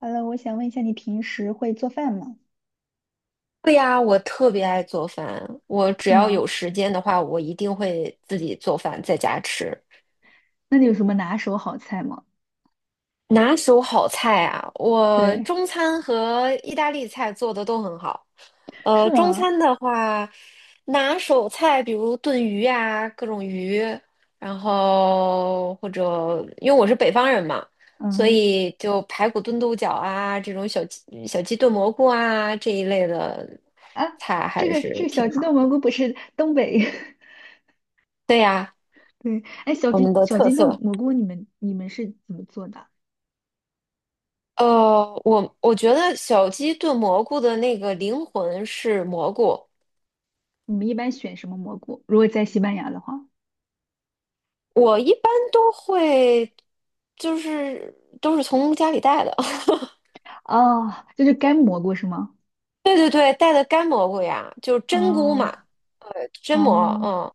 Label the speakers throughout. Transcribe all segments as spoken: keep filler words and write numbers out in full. Speaker 1: h e 我想问一下，你平时会做饭吗？
Speaker 2: 对呀，我特别爱做饭。我只
Speaker 1: 是
Speaker 2: 要有
Speaker 1: 吗？
Speaker 2: 时间的话，我一定会自己做饭在家吃。
Speaker 1: 那你有什么拿手好菜吗？
Speaker 2: 拿手好菜啊，我
Speaker 1: 对，
Speaker 2: 中餐和意大利菜做的都很好。呃，
Speaker 1: 是
Speaker 2: 中
Speaker 1: 吗？
Speaker 2: 餐的话，拿手菜比如炖鱼啊，各种鱼，然后或者因为我是北方人嘛，所
Speaker 1: 嗯
Speaker 2: 以就排骨炖豆角啊，这种小鸡小鸡炖蘑菇啊这一类的
Speaker 1: 啊，
Speaker 2: 菜
Speaker 1: 这
Speaker 2: 还
Speaker 1: 个这
Speaker 2: 是
Speaker 1: 个
Speaker 2: 挺
Speaker 1: 小鸡炖
Speaker 2: 好。
Speaker 1: 蘑菇不是东北。
Speaker 2: 对呀。
Speaker 1: 对，哎，小
Speaker 2: 我们
Speaker 1: 鸡
Speaker 2: 的
Speaker 1: 小
Speaker 2: 特
Speaker 1: 金豆
Speaker 2: 色。
Speaker 1: 蘑菇，你们你们是怎么做的？
Speaker 2: 呃，我我觉得小鸡炖蘑菇的那个灵魂是蘑菇，
Speaker 1: 你们一般选什么蘑菇？如果在西班牙的话，
Speaker 2: 我一般都会，就是都是从家里带的，
Speaker 1: 哦就是干蘑菇是吗？
Speaker 2: 对对对，带的干蘑菇呀，就是真菇嘛，
Speaker 1: 哦
Speaker 2: 呃，真蘑，
Speaker 1: 哦，
Speaker 2: 嗯。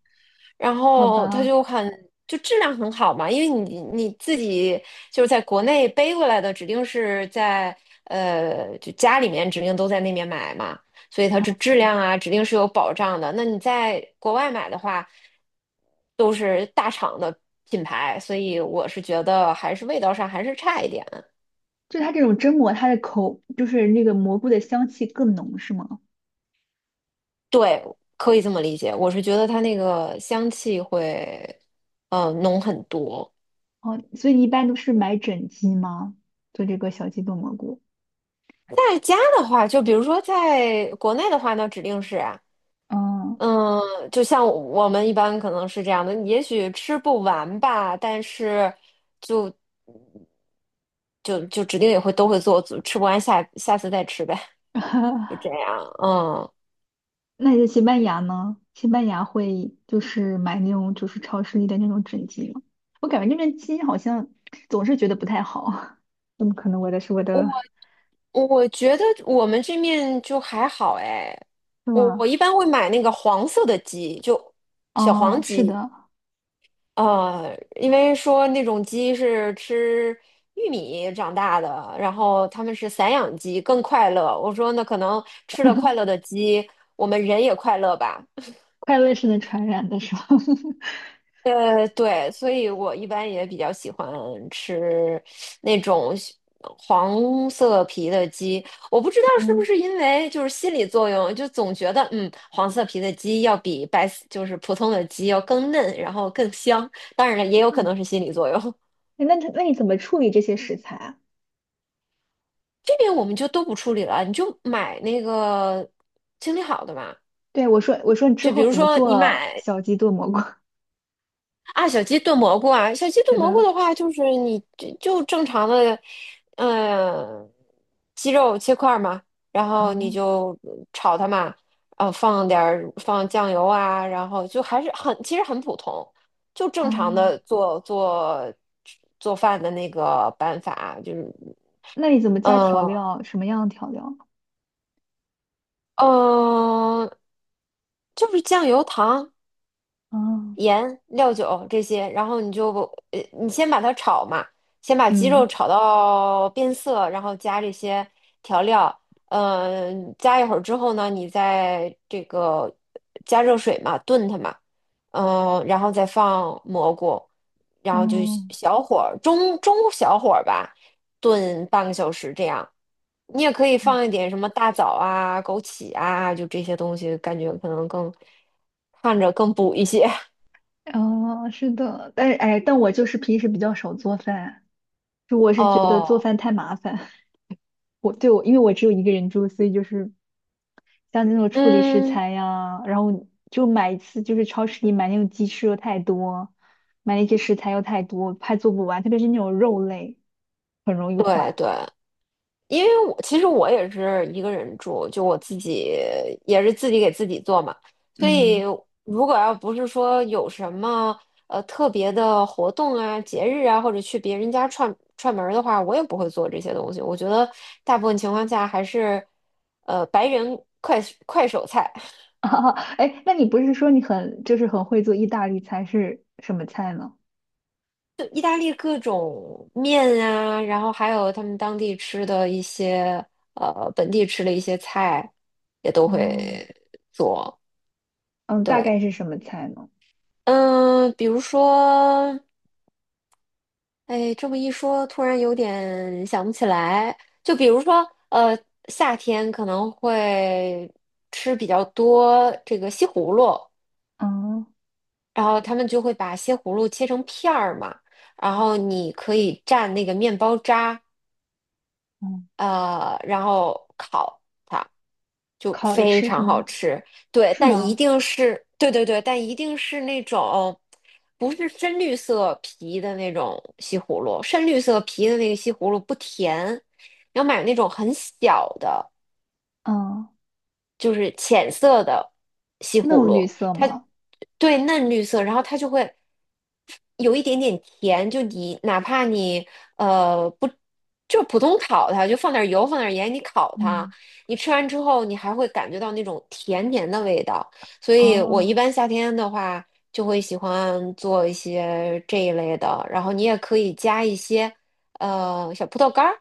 Speaker 2: 然
Speaker 1: 好
Speaker 2: 后它
Speaker 1: 吧，
Speaker 2: 就很就质量很好嘛，因为你你自己就是在国内背过来的，指定是在呃就家里面指定都在那边买嘛，所以它这质量啊指定是有保障的。那你在国外买的话，都是大厂的品牌，所以我是觉得还是味道上还是差一点。
Speaker 1: 就它这种蒸蘑，它的口就是那个蘑菇的香气更浓，是吗？
Speaker 2: 对，可以这么理解，我是觉得它那个香气会呃浓很多。
Speaker 1: 哦，所以你一般都是买整鸡吗？做这个小鸡炖蘑菇。
Speaker 2: 在家的话，就比如说在国内的话，那指定是啊，
Speaker 1: 嗯，
Speaker 2: 嗯，就像我们一般可能是这样的，也许吃不完吧，但是就就指定也会都会做，吃不完下下次再吃呗，就这 样。嗯，
Speaker 1: 那在西班牙呢？西班牙会就是买那种就是超市里的那种整鸡吗？我感觉那边鸡好像总是觉得不太好。怎么可能？我的是我的，
Speaker 2: 我我觉得我们这面就还好哎，
Speaker 1: 是
Speaker 2: 我
Speaker 1: 吗？
Speaker 2: 我一般会买那个黄色的鸡，就小
Speaker 1: 哦，
Speaker 2: 黄
Speaker 1: 是
Speaker 2: 鸡，
Speaker 1: 的，
Speaker 2: 呃，因为说那种鸡是吃玉米长大的，然后他们是散养鸡，更快乐。我说那可能吃了快 乐的鸡，我们人也快乐吧。
Speaker 1: 快乐是能传染的，是吧？
Speaker 2: 呃，对，所以我一般也比较喜欢吃那种西黄色皮的鸡。我不知道是不
Speaker 1: 嗯，
Speaker 2: 是因为就是心理作用，就总觉得嗯，黄色皮的鸡要比白就是普通的鸡要更嫩，然后更香。当然了，也有可能
Speaker 1: 嗯，
Speaker 2: 是心理作用。
Speaker 1: 诶那那你怎么处理这些食材啊？
Speaker 2: 这边我们就都不处理了，你就买那个清理好的嘛。
Speaker 1: 对，我说我说你之
Speaker 2: 就比
Speaker 1: 后
Speaker 2: 如
Speaker 1: 怎么
Speaker 2: 说你
Speaker 1: 做
Speaker 2: 买
Speaker 1: 小鸡炖蘑菇？
Speaker 2: 啊小鸡炖蘑菇啊，小鸡
Speaker 1: 是
Speaker 2: 炖蘑菇
Speaker 1: 的，
Speaker 2: 的话，就是你就就正常的，嗯、鸡肉切块儿嘛，然后你
Speaker 1: 嗯，
Speaker 2: 就炒它嘛，啊，放点儿放酱油啊，然后就还是很其实很普通，就正常的
Speaker 1: 哦。
Speaker 2: 做做做饭的那个办法，就是。
Speaker 1: 那你怎么加调
Speaker 2: 嗯，
Speaker 1: 料？什么样的调料？
Speaker 2: 嗯，就是酱油糖。
Speaker 1: 啊？
Speaker 2: 盐、料酒这些，然后你就呃，你先把它炒嘛，先把鸡肉
Speaker 1: 嗯，
Speaker 2: 炒到变色，然后加这些调料，嗯、加一会儿之后呢，你再这个加热水嘛，炖它嘛，嗯、然后再放蘑菇，然后就
Speaker 1: 哦，
Speaker 2: 小火儿中中小火儿吧，炖半个小时这样。你也可以放一点什么大枣啊、枸杞啊，就这些东西，感觉可能更看着更补一些。
Speaker 1: 哦，是的，但是哎，但我就是平时比较少做饭，就我是觉得做
Speaker 2: 哦，
Speaker 1: 饭太麻烦。我对我，因为我只有一个人住，所以就是像那种处理食
Speaker 2: 嗯，
Speaker 1: 材呀，然后就买一次，就是超市里买那种鸡翅又太多，买那些食材又太多，怕做不完，特别是那种肉类，很容易
Speaker 2: 对
Speaker 1: 坏。
Speaker 2: 对，因为我其实我也是一个人住，就我自己也是自己给自己做嘛，所以
Speaker 1: 嗯，
Speaker 2: 如果要不是说有什么呃特别的活动啊、节日啊，或者去别人家串串门儿的话，我也不会做这些东西。我觉得大部分情况下还是呃白人快快手菜。
Speaker 1: 哎那你不是说你很就是很会做意大利菜，是什么菜呢？
Speaker 2: 意大利各种面啊，然后还有他们当地吃的一些，呃，本地吃的一些菜，也都
Speaker 1: 哦，
Speaker 2: 会做。
Speaker 1: 嗯，大
Speaker 2: 对，
Speaker 1: 概是什么菜呢？
Speaker 2: 嗯，比如说，哎，这么一说，突然有点想不起来。就比如说，呃，夏天可能会吃比较多这个西葫芦，
Speaker 1: 嗯
Speaker 2: 然后他们就会把西葫芦切成片儿嘛，然后你可以蘸那个面包渣。
Speaker 1: 嗯，
Speaker 2: 呃，然后烤它就
Speaker 1: 烤着
Speaker 2: 非
Speaker 1: 吃是
Speaker 2: 常好
Speaker 1: 吗？
Speaker 2: 吃。对，
Speaker 1: 是
Speaker 2: 但一
Speaker 1: 吗？
Speaker 2: 定是，对对对，但一定是那种不是深绿色皮的那种西葫芦，深绿色皮的那个西葫芦不甜，要买那种很小的。
Speaker 1: 嗯，
Speaker 2: 就是浅色的西葫
Speaker 1: 嫩绿
Speaker 2: 芦，
Speaker 1: 色
Speaker 2: 它
Speaker 1: 吗？
Speaker 2: 对嫩绿色，然后它就会有一点点甜，就你哪怕你呃不就普通烤它，就放点油放点盐，你烤它，
Speaker 1: 嗯，
Speaker 2: 你吃完之后你还会感觉到那种甜甜的味道，所以我一
Speaker 1: 哦
Speaker 2: 般夏天的话就会喜欢做一些这一类的，然后你也可以加一些呃小葡萄干儿。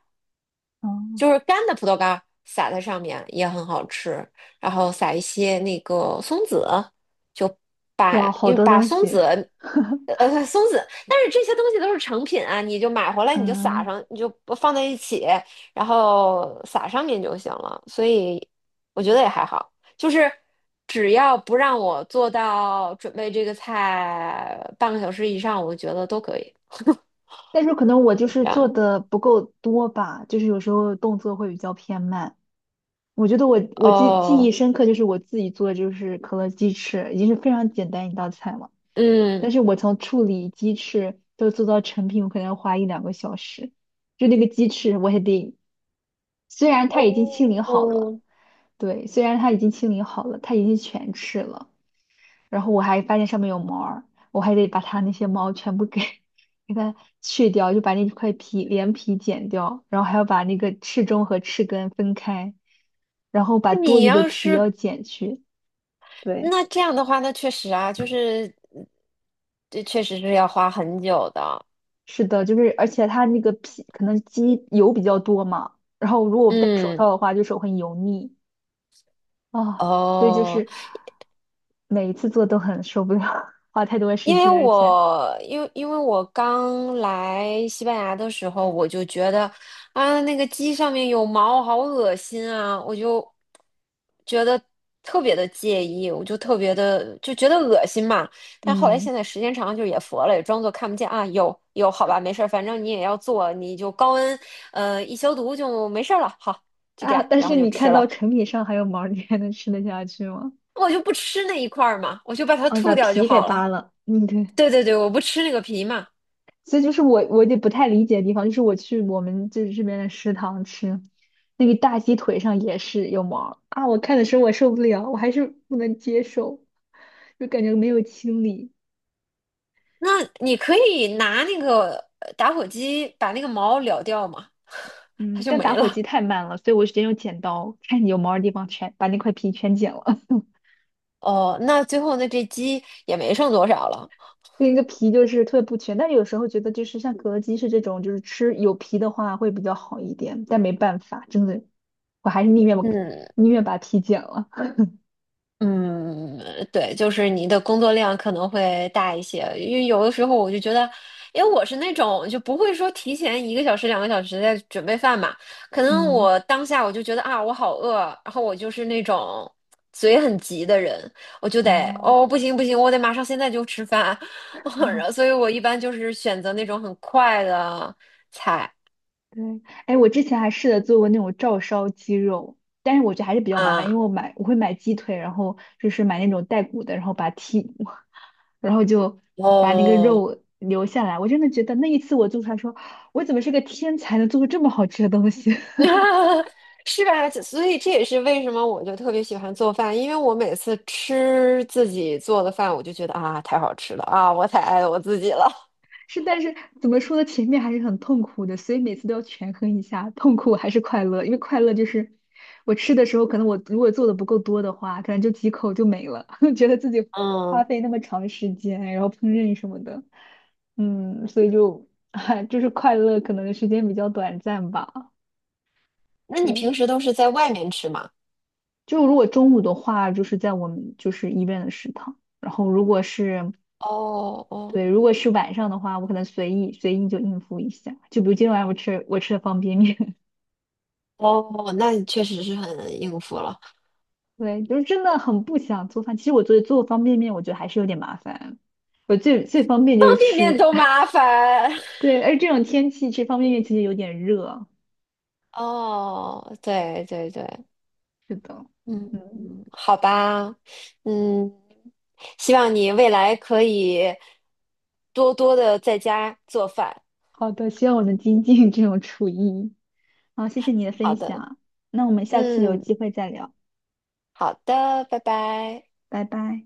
Speaker 1: 哦，
Speaker 2: 就是干的葡萄干儿撒在上面也很好吃，然后撒一些那个松子，就
Speaker 1: 哇，
Speaker 2: 把
Speaker 1: 好
Speaker 2: 因为
Speaker 1: 多
Speaker 2: 把
Speaker 1: 东
Speaker 2: 松
Speaker 1: 西。
Speaker 2: 子，呃，松子，但是这些东西都是成品啊，你就买回来你就撒
Speaker 1: 嗯，
Speaker 2: 上，你就不放在一起，然后撒上面就行了，所以我觉得也还好，就是只要不让我做到准备这个菜半个小时以上，我觉得都可以，
Speaker 1: 但是可能我就
Speaker 2: 是这
Speaker 1: 是做
Speaker 2: 样。
Speaker 1: 的不够多吧，就是有时候动作会比较偏慢。我觉得我我记记忆
Speaker 2: 哦，
Speaker 1: 深刻，就是我自己做的就是可乐鸡翅，已经是非常简单一道菜了。但
Speaker 2: 嗯。
Speaker 1: 是我从处理鸡翅都做到成品，我可能要花一两个小时。就那个鸡翅，我还得，虽然它已经清理好了，
Speaker 2: 哦，
Speaker 1: 对，虽然它已经清理好了，它已经全翅了，然后我还发现上面有毛儿，我还得把它那些毛全部给 给它去掉，就把那块皮连皮剪掉，然后还要把那个翅中和翅根分开，然后把
Speaker 2: 那
Speaker 1: 多
Speaker 2: 你
Speaker 1: 余的
Speaker 2: 要
Speaker 1: 皮
Speaker 2: 是
Speaker 1: 要剪去，对。
Speaker 2: 那这样的话，那确实啊，就是嗯这确实是要花很久的。
Speaker 1: 是的，就是而且它那个皮可能鸡油比较多嘛，然后如果我不戴手
Speaker 2: 嗯，
Speaker 1: 套的话，就手很油腻啊，所以就
Speaker 2: 哦。
Speaker 1: 是每一次做都很受不了，花太多
Speaker 2: 因
Speaker 1: 时
Speaker 2: 为
Speaker 1: 间，而且
Speaker 2: 我因为因为我刚来西班牙的时候，我就觉得啊，那个鸡上面有毛，好恶心啊！我就觉得特别的介意，我就特别的就觉得恶心嘛。但后来
Speaker 1: 嗯
Speaker 2: 现在时间长了，就也佛了，也装作看不见啊。有有，好吧，没事儿，反正你也要做，你就高温呃一消毒就没事儿了。好，就这
Speaker 1: 啊，
Speaker 2: 样，
Speaker 1: 但
Speaker 2: 然
Speaker 1: 是
Speaker 2: 后就
Speaker 1: 你
Speaker 2: 吃
Speaker 1: 看到
Speaker 2: 了。
Speaker 1: 成品上还有毛儿你还能吃得下去吗？
Speaker 2: 我就不吃那一块儿嘛，我就把它
Speaker 1: 啊，你把
Speaker 2: 吐掉就
Speaker 1: 皮给
Speaker 2: 好了。
Speaker 1: 扒了，嗯，对。
Speaker 2: 对对对，我不吃那个皮嘛。
Speaker 1: 所以就是我我有点不太理解的地方，就是我去我们这这边的食堂吃，那个大鸡腿上也是有毛儿啊，我看的时候我受不了，我还是不能接受，就感觉没有清理。
Speaker 2: 那你可以拿那个呃打火机把那个毛燎掉嘛，它
Speaker 1: 嗯，
Speaker 2: 就
Speaker 1: 但
Speaker 2: 没
Speaker 1: 打火机
Speaker 2: 了。
Speaker 1: 太慢了，所以我直接用剪刀，看你有毛儿的地方全把那块皮全剪了。
Speaker 2: 哦，那最后那这鸡也没剩多少了。
Speaker 1: 那个皮就是特别不全，但有时候觉得就是像格鸡是这种，就是吃有皮的话会比较好一点，但没办法，真的，我还是宁愿我
Speaker 2: 嗯，
Speaker 1: 宁愿把皮剪了。
Speaker 2: 嗯，对，就是你的工作量可能会大一些，因为有的时候我就觉得，因为我是那种就不会说提前一个小时、两个小时在准备饭嘛，可能
Speaker 1: 嗯，
Speaker 2: 我当下我就觉得啊，我好饿，然后我就是那种嘴很急的人，我就得
Speaker 1: 哦。
Speaker 2: 哦，不行不行，我得马上现在就吃饭，然后所以我一般就是选择那种很快的菜
Speaker 1: 对，哎，我之前还试着做过那种照烧鸡肉，但是我觉得还是比较麻烦，
Speaker 2: 啊，
Speaker 1: 因为我买我会买鸡腿，然后就是买那种带骨的，然后把它剔，然后就把那个
Speaker 2: 哦。
Speaker 1: 肉留下来。我真的觉得那一次我做出来说，我怎么是个天才，能做出这么好吃的东西？
Speaker 2: 是吧？所以这也是为什么我就特别喜欢做饭，因为我每次吃自己做的饭，我就觉得啊，太好吃了啊，我太爱我自己了。
Speaker 1: 是，但是怎么说呢？前面还是很痛苦的，所以每次都要权衡一下，痛苦还是快乐。因为快乐就是我吃的时候，可能我如果做的不够多的话，可能就几口就没了，觉得自己 花
Speaker 2: 嗯，
Speaker 1: 费那么长时间，然后烹饪什么的，嗯，所以就 就是快乐可能时间比较短暂吧。
Speaker 2: 那你
Speaker 1: 对，
Speaker 2: 平时都是在外面吃吗？
Speaker 1: 就如果中午的话，就是在我们就是医院的食堂，然后如果是
Speaker 2: 哦哦
Speaker 1: 对，如果是晚上的话，我可能随意随意就应付一下。就比如今天晚上我吃我吃的方便面，
Speaker 2: 哦，那你确实是很应付了，
Speaker 1: 对，就是真的很不想做饭。其实我做做方便面，我觉得还是有点麻烦。我最最方便
Speaker 2: 方
Speaker 1: 就是
Speaker 2: 便面
Speaker 1: 吃，
Speaker 2: 都 麻烦。
Speaker 1: 对，而这种天气吃方便面其实有点热。
Speaker 2: 哦，对对对，
Speaker 1: 是的，
Speaker 2: 嗯，
Speaker 1: 嗯，
Speaker 2: 好吧，嗯，希望你未来可以多多的在家做饭。
Speaker 1: 好的，希望我能精进这种厨艺。好，谢谢你的
Speaker 2: 好
Speaker 1: 分
Speaker 2: 的，
Speaker 1: 享，那我们下次有
Speaker 2: 嗯，
Speaker 1: 机会再聊，
Speaker 2: 好的，拜拜。
Speaker 1: 拜拜。